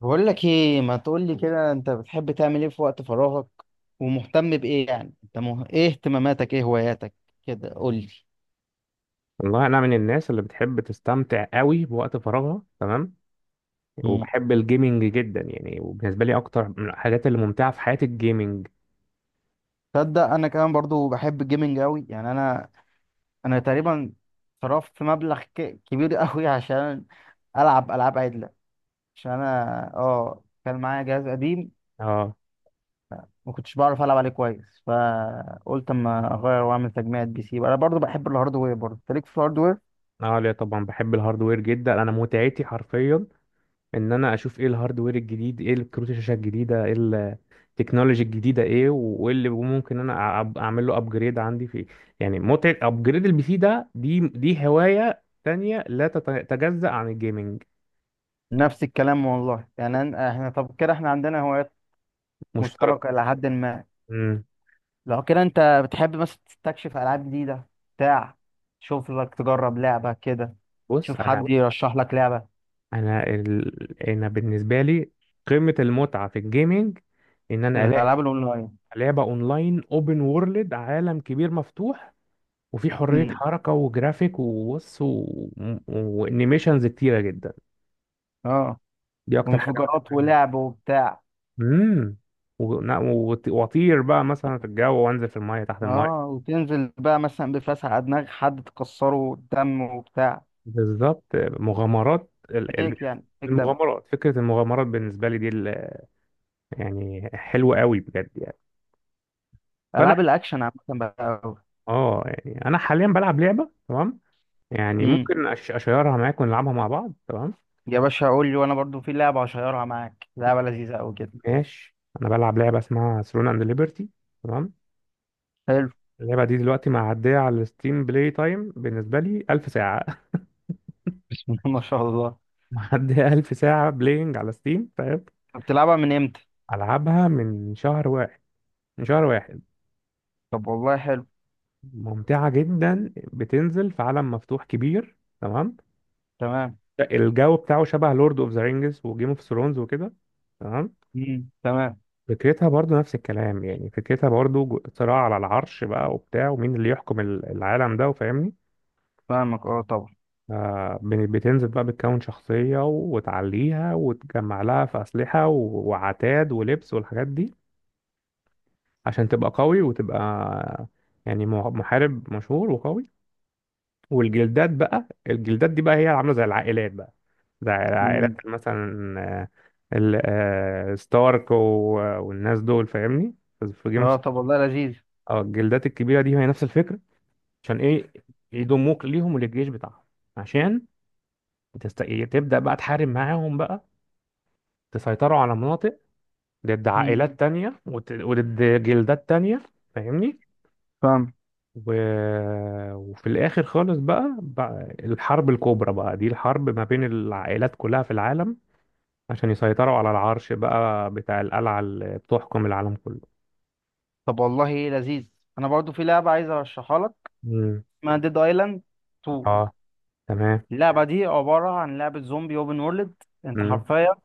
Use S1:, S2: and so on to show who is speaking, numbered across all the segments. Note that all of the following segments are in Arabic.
S1: بقول لك ايه، ما تقول لي كده. انت بتحب تعمل ايه في وقت فراغك، ومهتم بايه؟ يعني انت ايه اهتماماتك، ايه هواياتك؟ كده قول لي.
S2: والله انا من الناس اللي بتحب تستمتع قوي بوقت فراغها، تمام.
S1: مم.
S2: وبحب الجيمنج جدا يعني، وبالنسبه لي اكتر من الحاجات اللي ممتعه في حياتي الجيمنج.
S1: تصدق انا كمان برضو بحب الجيمنج قوي. يعني انا تقريبا صرفت مبلغ كبير قوي عشان العب العاب عدله. عشان انا اه كان معايا جهاز قديم،
S2: اه
S1: ما كنتش بعرف العب عليه كويس، فقلت اما اغير واعمل تجميعة بي سي. انا برضو بحب الهاردوير، برضو أنت ليك في الهاردوير؟
S2: اه لا طبعا بحب الهاردوير جدا. انا متعتي حرفيا ان انا اشوف ايه الهاردوير الجديد، ايه الكروت الشاشه الجديده، ايه التكنولوجي الجديده، ايه وايه اللي ممكن انا اعمل له ابجريد عندي فيه. يعني متعه ابجريد البي سي ده دي هوايه تانية لا تتجزأ عن الجيمنج.
S1: نفس الكلام والله. يعني احنا طب كده احنا عندنا هوايات
S2: مشترك.
S1: مشتركة إلى حد ما.
S2: امم
S1: لو كده أنت بتحب مثلا تستكشف ألعاب جديدة؟ بتاع، تشوف لك تجرب لعبة كده،
S2: بص،
S1: تشوف حد يرشح لك لعبة؟
S2: انا بالنسبه لي قمه المتعه في الجيمنج ان انا الاقي
S1: الألعاب الأونلاين.
S2: لعبه اونلاين اوبن وورلد، عالم كبير مفتوح، وفي حريه
S1: أمم،
S2: حركه وجرافيك، وبص، وانيميشنز كتيره جدا.
S1: أه
S2: دي اكتر حاجه
S1: وانفجارات
S2: بتعجبني.
S1: ولعب وبتاع.
S2: امم واطير بقى مثلا في الجو، وانزل في المايه، تحت المايه.
S1: أه وتنزل بقى مثلا بفلاس على دماغ حد تكسره دم وبتاع،
S2: بالظبط، مغامرات
S1: فيك يعني فيك دم.
S2: المغامرات. فكره المغامرات بالنسبه لي دي يعني حلوه قوي بجد يعني. فانا،
S1: ألعاب الأكشن عامة بقى أوي.
S2: اه يعني انا حاليا بلعب لعبه، تمام؟ يعني
S1: أمم،
S2: ممكن اشيرها معاك ونلعبها مع بعض، تمام.
S1: يا باشا قول لي، وأنا برضو في لعبة هشيرها معاك، لعبة لذيذة أوي كده.
S2: ماشي، انا بلعب لعبه اسمها ثرون اند ليبرتي، تمام.
S1: حلو.
S2: اللعبه دي دلوقتي معديه على الستيم، بلاي تايم بالنسبه لي 1000 ساعه
S1: بسم الله ما شاء الله.
S2: معديه 1000 ساعه بلاينج على ستيم. طيب،
S1: بتلعبها من إمتى؟
S2: العبها من شهر واحد، من شهر واحد.
S1: طب والله حلو.
S2: ممتعه جدا، بتنزل في عالم مفتوح كبير، تمام.
S1: تمام.
S2: الجو بتاعه شبه لورد اوف ذا رينجز وجيم اوف ثرونز وكده. تمام.
S1: مم. تمام.
S2: فكرتها برضو نفس الكلام، يعني فكرتها برضو صراع على العرش بقى وبتاع، ومين اللي يحكم العالم ده، وفاهمني؟
S1: فاهمك اه طبعا.
S2: بتنزل بقى، بتكون شخصية وتعليها وتجمع لها في أسلحة وعتاد ولبس والحاجات دي عشان تبقى قوي وتبقى يعني محارب مشهور وقوي. والجلدات بقى، الجلدات دي بقى هي عاملة زي العائلات بقى، زي
S1: مم.
S2: العائلات مثلا. آه، ستارك والناس دول، فاهمني؟ في جيم
S1: اه
S2: اوف.
S1: طب والله لذيذ.
S2: اه، الجلدات الكبيرة دي هي نفس الفكرة. عشان ايه؟ يضموك ليهم وللجيش بتاعهم، عشان تبدأ بقى تحارب معاهم بقى، تسيطروا على مناطق ضد
S1: مم.
S2: عائلات تانية وضد جلدات تانية. فاهمني؟
S1: فاهم.
S2: و... وفي الآخر خالص بقى، الحرب الكبرى بقى، دي الحرب ما بين العائلات كلها في العالم عشان يسيطروا على العرش بقى بتاع القلعة اللي بتحكم العالم كله.
S1: طب والله لذيذ. انا برضو في لعبه عايز ارشحها لك،
S2: مم.
S1: اسمها ديد ايلاند 2.
S2: اه، تمام.
S1: اللعبه دي عباره عن لعبه زومبي اوبن وورلد. انت
S2: مم.
S1: حرفيا،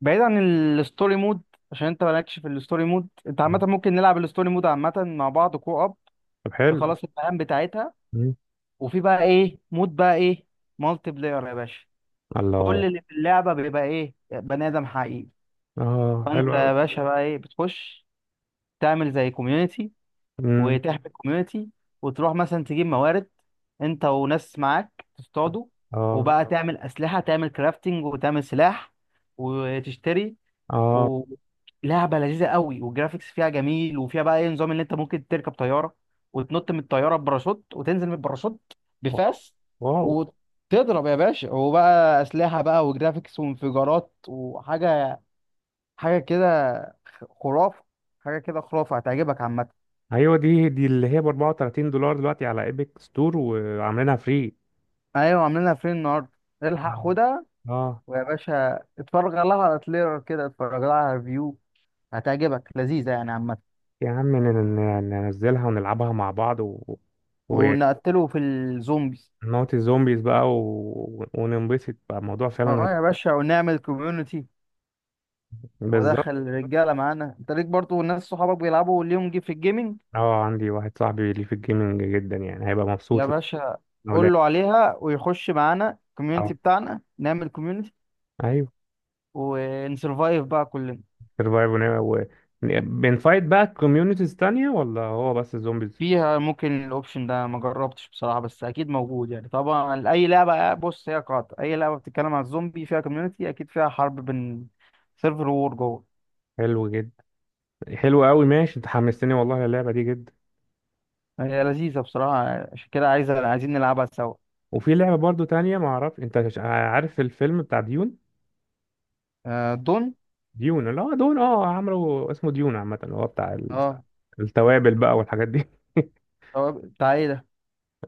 S1: بعيد عن الستوري مود، عشان انت مالكش في الستوري مود. انت
S2: مم.
S1: عامه ممكن نلعب الستوري مود عامه مع بعض كو اب،
S2: طب حلو.
S1: تخلص المهام بتاعتها.
S2: مم.
S1: وفي بقى ايه، مود بقى ايه، مالتي بلاير يا باشا. كل
S2: الله.
S1: اللي في اللعبه بيبقى ايه، بني ادم حقيقي.
S2: اه، حلو
S1: فانت
S2: قوي.
S1: يا باشا بقى ايه بتخش تعمل زي كوميونتي، وتحمل كوميونتي، وتروح مثلا تجيب موارد انت وناس معاك تصطادوا،
S2: اه.
S1: وبقى تعمل اسلحه، تعمل كرافتنج وتعمل سلاح وتشتري.
S2: اه.
S1: ولعبه لذيذه قوي، والجرافيكس فيها جميل، وفيها بقى ايه نظام ان انت ممكن تركب طياره وتنط من الطياره بباراشوت وتنزل من الباراشوت
S2: واو،
S1: بفاس
S2: واو.
S1: وتضرب يا باشا. وبقى اسلحه بقى وجرافيكس وانفجارات وحاجه، حاجه كده خرافه. حاجه كده خرافه، هتعجبك عامه.
S2: ايوه، دي اللي هي ب $34 دلوقتي على ايبك ستور، وعاملينها فري.
S1: ايوه عاملينها فين النهارده، الحق
S2: اه.
S1: خدها.
S2: آه.
S1: ويا باشا اتفرج لها على تريلر كده، اتفرج لها على ريفيو، هتعجبك، لذيذه يعني عامه.
S2: يا عم، ننزلها ونلعبها مع بعض،
S1: ونقتله في الزومبيز.
S2: ونموت الزومبيز بقى، وننبسط بقى. الموضوع فعلا
S1: اه
S2: هيبقى.
S1: يا باشا ونعمل كوميونتي.
S2: بالظبط.
S1: ودخل الرجاله معانا. انت ليك برضه ناس صحابك بيلعبوا ليهم جي في الجيمنج؟
S2: اه، عندي واحد صاحبي ليه في الجيمنج جدا، يعني هيبقى مبسوط
S1: يا باشا
S2: لو لعب.
S1: قول له عليها ويخش معانا
S2: اه،
S1: الكوميونتي بتاعنا، نعمل كوميونتي.
S2: ايوه.
S1: ونسرفايف بقى كلنا.
S2: سرفايف و... بنفايت بقى كوميونيتيز تانية، ولا هو بس الزومبيز؟
S1: فيها ممكن الاوبشن ده ما جربتش بصراحه، بس اكيد موجود. يعني طبعا اي لعبه، بص هي قاطع اي لعبه بتتكلم عن الزومبي فيها كوميونتي، اكيد فيها حرب بين سيرفر وور جوه.
S2: حلو جدا. حلو قوي. ماشي، انت حمستني والله اللعبة دي جدا.
S1: هي لذيذه بصراحه، عشان كده عايزه عايزين نلعبها سوا.
S2: وفي لعبة برضو تانية، ما اعرف انت عارف الفيلم بتاع ديون؟
S1: آه دون.
S2: ديون اللي هو دون، عمرو اسمه ديون عامة، اللي هو بتاع
S1: اه
S2: التوابل بقى والحاجات دي
S1: هو بتاع ايه ده؟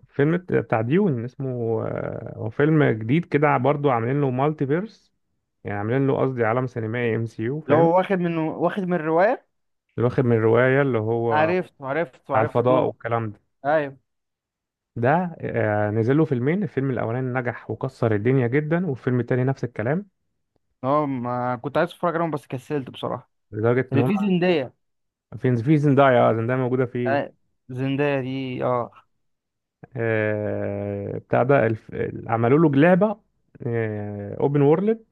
S2: فيلم بتاع ديون اسمه، هو فيلم جديد كده برضو عاملين له مالتي فيرس، يعني عاملين له، قصدي، عالم سينمائي ام سي يو،
S1: اللي
S2: فاهم؟
S1: هو واخد من، واخد من الروايه.
S2: اللي واخد من الرواية، اللي هو
S1: عرفت عرفت
S2: بتاع
S1: عرفت،
S2: الفضاء
S1: دون.
S2: والكلام ده.
S1: ايوه.
S2: ده، نزل له فيلمين، الفيلم الاولاني نجح وكسر الدنيا جدا، والفيلم التاني نفس الكلام،
S1: اه ما كنت عايز اتفرج عليهم بس كسلت بصراحه.
S2: لدرجة ان
S1: اللي
S2: هم
S1: فيه زندية.
S2: في زندايا، زندايا موجودة فيه.
S1: آه، زندية دي اه.
S2: بتاع ده، عملوا له لعبة اوبن وورلد،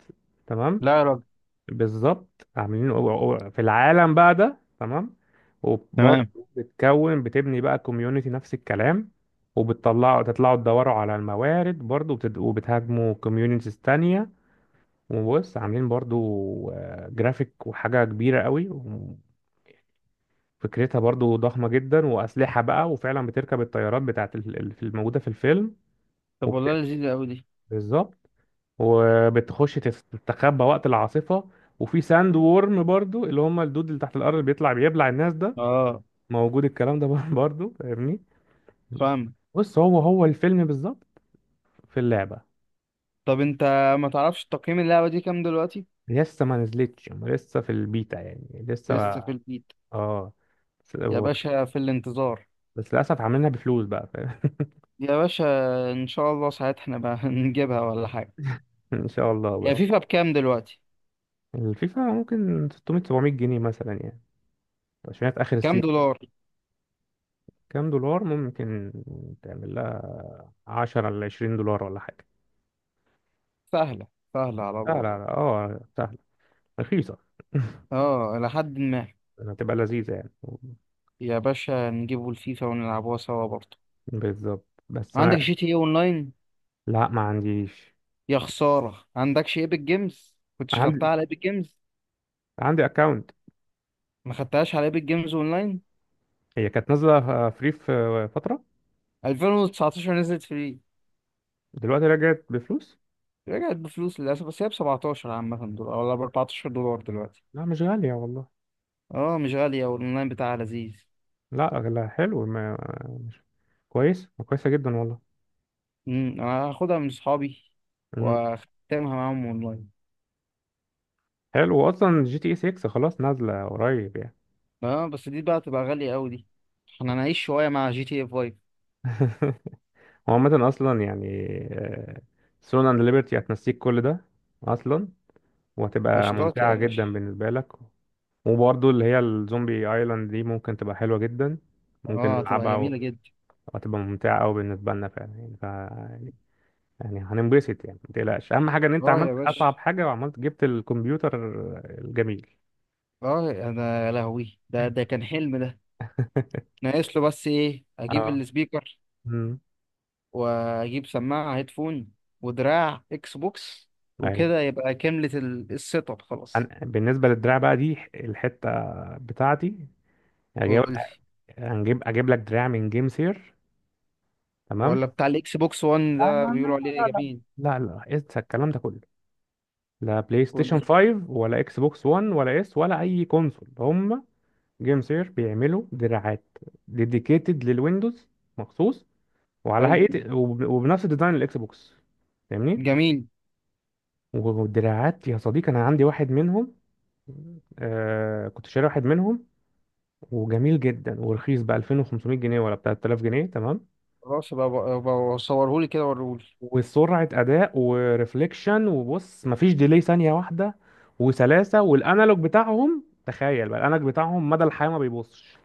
S2: تمام.
S1: لا يا راجل.
S2: بالظبط، عاملين في العالم بقى ده، تمام. وبرضه
S1: تمام.
S2: بتكون بتبني بقى كوميونتي، نفس الكلام. وبتطلعوا، تطلعوا تدوروا على الموارد برضه، وبتهاجموا كوميونيتيز تانية. وبص، عاملين برضه جرافيك وحاجة كبيرة قوي. وفكرتها برضه ضخمة جدا، وأسلحة بقى، وفعلا بتركب الطيارات بتاعت الموجودة في الفيلم.
S1: طب والله
S2: وبت...
S1: لذيذة أوي دي.
S2: بالظبط، وبتخش تستخبى وقت العاصفة. وفي ساند وورم برضو، اللي هم الدود اللي تحت الأرض، اللي بيطلع بيبلع الناس ده.
S1: اه
S2: موجود الكلام ده برضو فاهمني؟
S1: فاهم.
S2: بص، هو هو الفيلم بالظبط في اللعبة.
S1: طب انت ما تعرفش تقييم اللعبة دي كام دلوقتي؟
S2: لسه ما نزلتش، هم لسه في البيتا، يعني لسه
S1: لسه في البيت.
S2: اه، بس
S1: يا باشا في الانتظار.
S2: بس للأسف عاملينها بفلوس بقى، فاهم؟
S1: يا باشا ان شاء الله ساعتها احنا بقى نجيبها ولا حاجة.
S2: إن شاء الله،
S1: هي
S2: بس.
S1: فيفا بكام دلوقتي؟
S2: الفيفا ممكن 600 700 جنيه مثلا يعني، عشان هي في آخر
S1: كام
S2: السيزون.
S1: دولار؟
S2: كام دولار ممكن تعمل لها؟ 10 ل $20 ولا حاجة.
S1: سهلة، سهلة على
S2: لا لا
S1: الله.
S2: لا، اه، رخيصة.
S1: اه لحد ما.
S2: يعني هتبقى لذيذة يعني.
S1: يا باشا نجيبوا الفيفا ونلعبوها سوا برضه.
S2: بالظبط، بس
S1: عندك
S2: أنا.
S1: جي تي ايه اونلاين؟
S2: لا، ما عنديش.
S1: يا خسارة، عندكش ايبك جيمز؟ كنتش خدتها
S2: عندي،
S1: على ايبك جيمز؟
S2: أكاونت.
S1: ما خدتهاش على ايبك جيمز اونلاين؟
S2: هي كانت نازلة فري في فترة،
S1: 2019 نزلت فري.
S2: دلوقتي رجعت بفلوس.
S1: رجعت بفلوس للأسف، بس هي ب 17 عامة دولار ولا ب 14 دولار دلوقتي.
S2: لا، مش غالية والله.
S1: اه مش غالية، والأونلاين بتاعها لذيذ.
S2: لا لا، حلو، ما، مش كويس كويسة جدا والله.
S1: أنا هاخدها من صحابي
S2: مم.
S1: وأختمها معاهم أونلاين.
S2: حلو. أصلا جي تي اي 6 خلاص نازلة قريب يعني.
S1: اه بس دي بقى تبقى غالية أوي دي، احنا هنعيش شوية مع جي تي اف 5.
S2: هو عامة أصلا يعني، سون أند ليبرتي هتنسيك كل ده أصلا، وهتبقى
S1: قشطات يا
S2: ممتعة
S1: باشا.
S2: جدا بالنسبة لك. وبرضه اللي هي الزومبي ايلاند دي ممكن تبقى حلوة جدا، ممكن
S1: اه هتبقى
S2: نلعبها
S1: جميلة جدا.
S2: وهتبقى ممتعة أوي بالنسبة لنا فعلا، يعني ف يعني، يعني هننبسط يعني. ما تقلقش، أهم حاجة إن أنت
S1: اه
S2: عملت
S1: يا باشا.
S2: أصعب حاجة، وعملت جبت الكمبيوتر الجميل.
S1: اه انا يا لهوي، ده كان حلم ده. ناقص له بس ايه، اجيب
S2: اه.
S1: السبيكر
S2: امم
S1: واجيب سماعة هيدفون ودراع اكس بوكس،
S2: ايوه.
S1: وكده يبقى كاملة السيت اب خلاص.
S2: بالنسبه للدراع بقى دي الحته بتاعتي. هجيب
S1: قول لي.
S2: هنجيب اجيب لك دراع من جيم سير، تمام.
S1: ولا بتاع الاكس بوكس 1
S2: لا
S1: ده
S2: لا
S1: بيقولوا
S2: لا
S1: عليه
S2: لا لا،
S1: جميل؟
S2: لا لا لا، انسى الكلام ده كله. لا بلاي
S1: قول
S2: ستيشن
S1: لي.
S2: 5، ولا اكس بوكس 1، ولا اس، ولا اي كونسول هم. جيم سير بيعملوا دراعات ديديكيتد للويندوز، مخصوص، وعلى
S1: حلو.
S2: هيئه وبنفس ديزاين الاكس بوكس. فاهمني؟
S1: جميل.
S2: والدراعات يا صديقي انا عندي واحد منهم. كنت شاري واحد منهم، وجميل جدا ورخيص ب 2500 جنيه ولا بتاع 3000 جنيه، تمام.
S1: خلاص بقى صورهولي كده وريهولي.
S2: وسرعة أداء، وريفليكشن، وبص مفيش ديلي ثانية واحدة. وسلاسة. والأنالوج بتاعهم، تخيل بقى الأنالوج بتاعهم مدى الحياة ما بيبصش.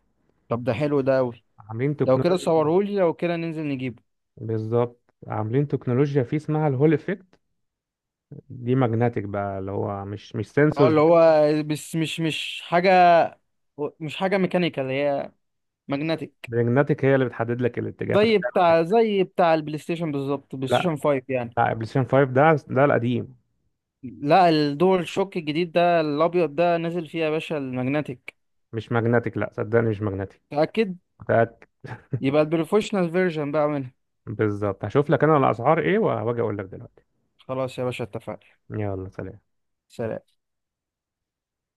S1: طب ده حلو ده قوي.
S2: عاملين
S1: لو كده
S2: تكنولوجيا فيه.
S1: صورهولي، لو كده ننزل نجيبه.
S2: بالظبط، عاملين تكنولوجيا فيه اسمها الهول افكت. دي ماجنتيك بقى، اللي هو مش
S1: اه
S2: سنسورز،
S1: اللي هو، بس مش حاجة، مش حاجة ميكانيكال هي، ماجنتيك.
S2: ماجنتيك. هي اللي بتحدد لك الاتجاه
S1: زي
S2: فتعمل كده.
S1: بتاع، زي بتاع البلاي ستيشن بالظبط، بلاي
S2: لا
S1: ستيشن 5 يعني.
S2: لا، بلاي ستيشن 5 ده القديم.
S1: لا الدول شوك الجديد ده الابيض ده نزل فيه يا باشا الماجنتيك.
S2: مش ماجنتيك، لا صدقني مش ماجنتيك.
S1: متأكد؟
S2: متأكد.
S1: يبقى البروفيشنال فيرجن بقى منها.
S2: بالظبط، هشوف لك انا الاسعار ايه، وهاجي اقول لك دلوقتي.
S1: خلاص يا باشا اتفقنا.
S2: يلا، سلام.
S1: سلام.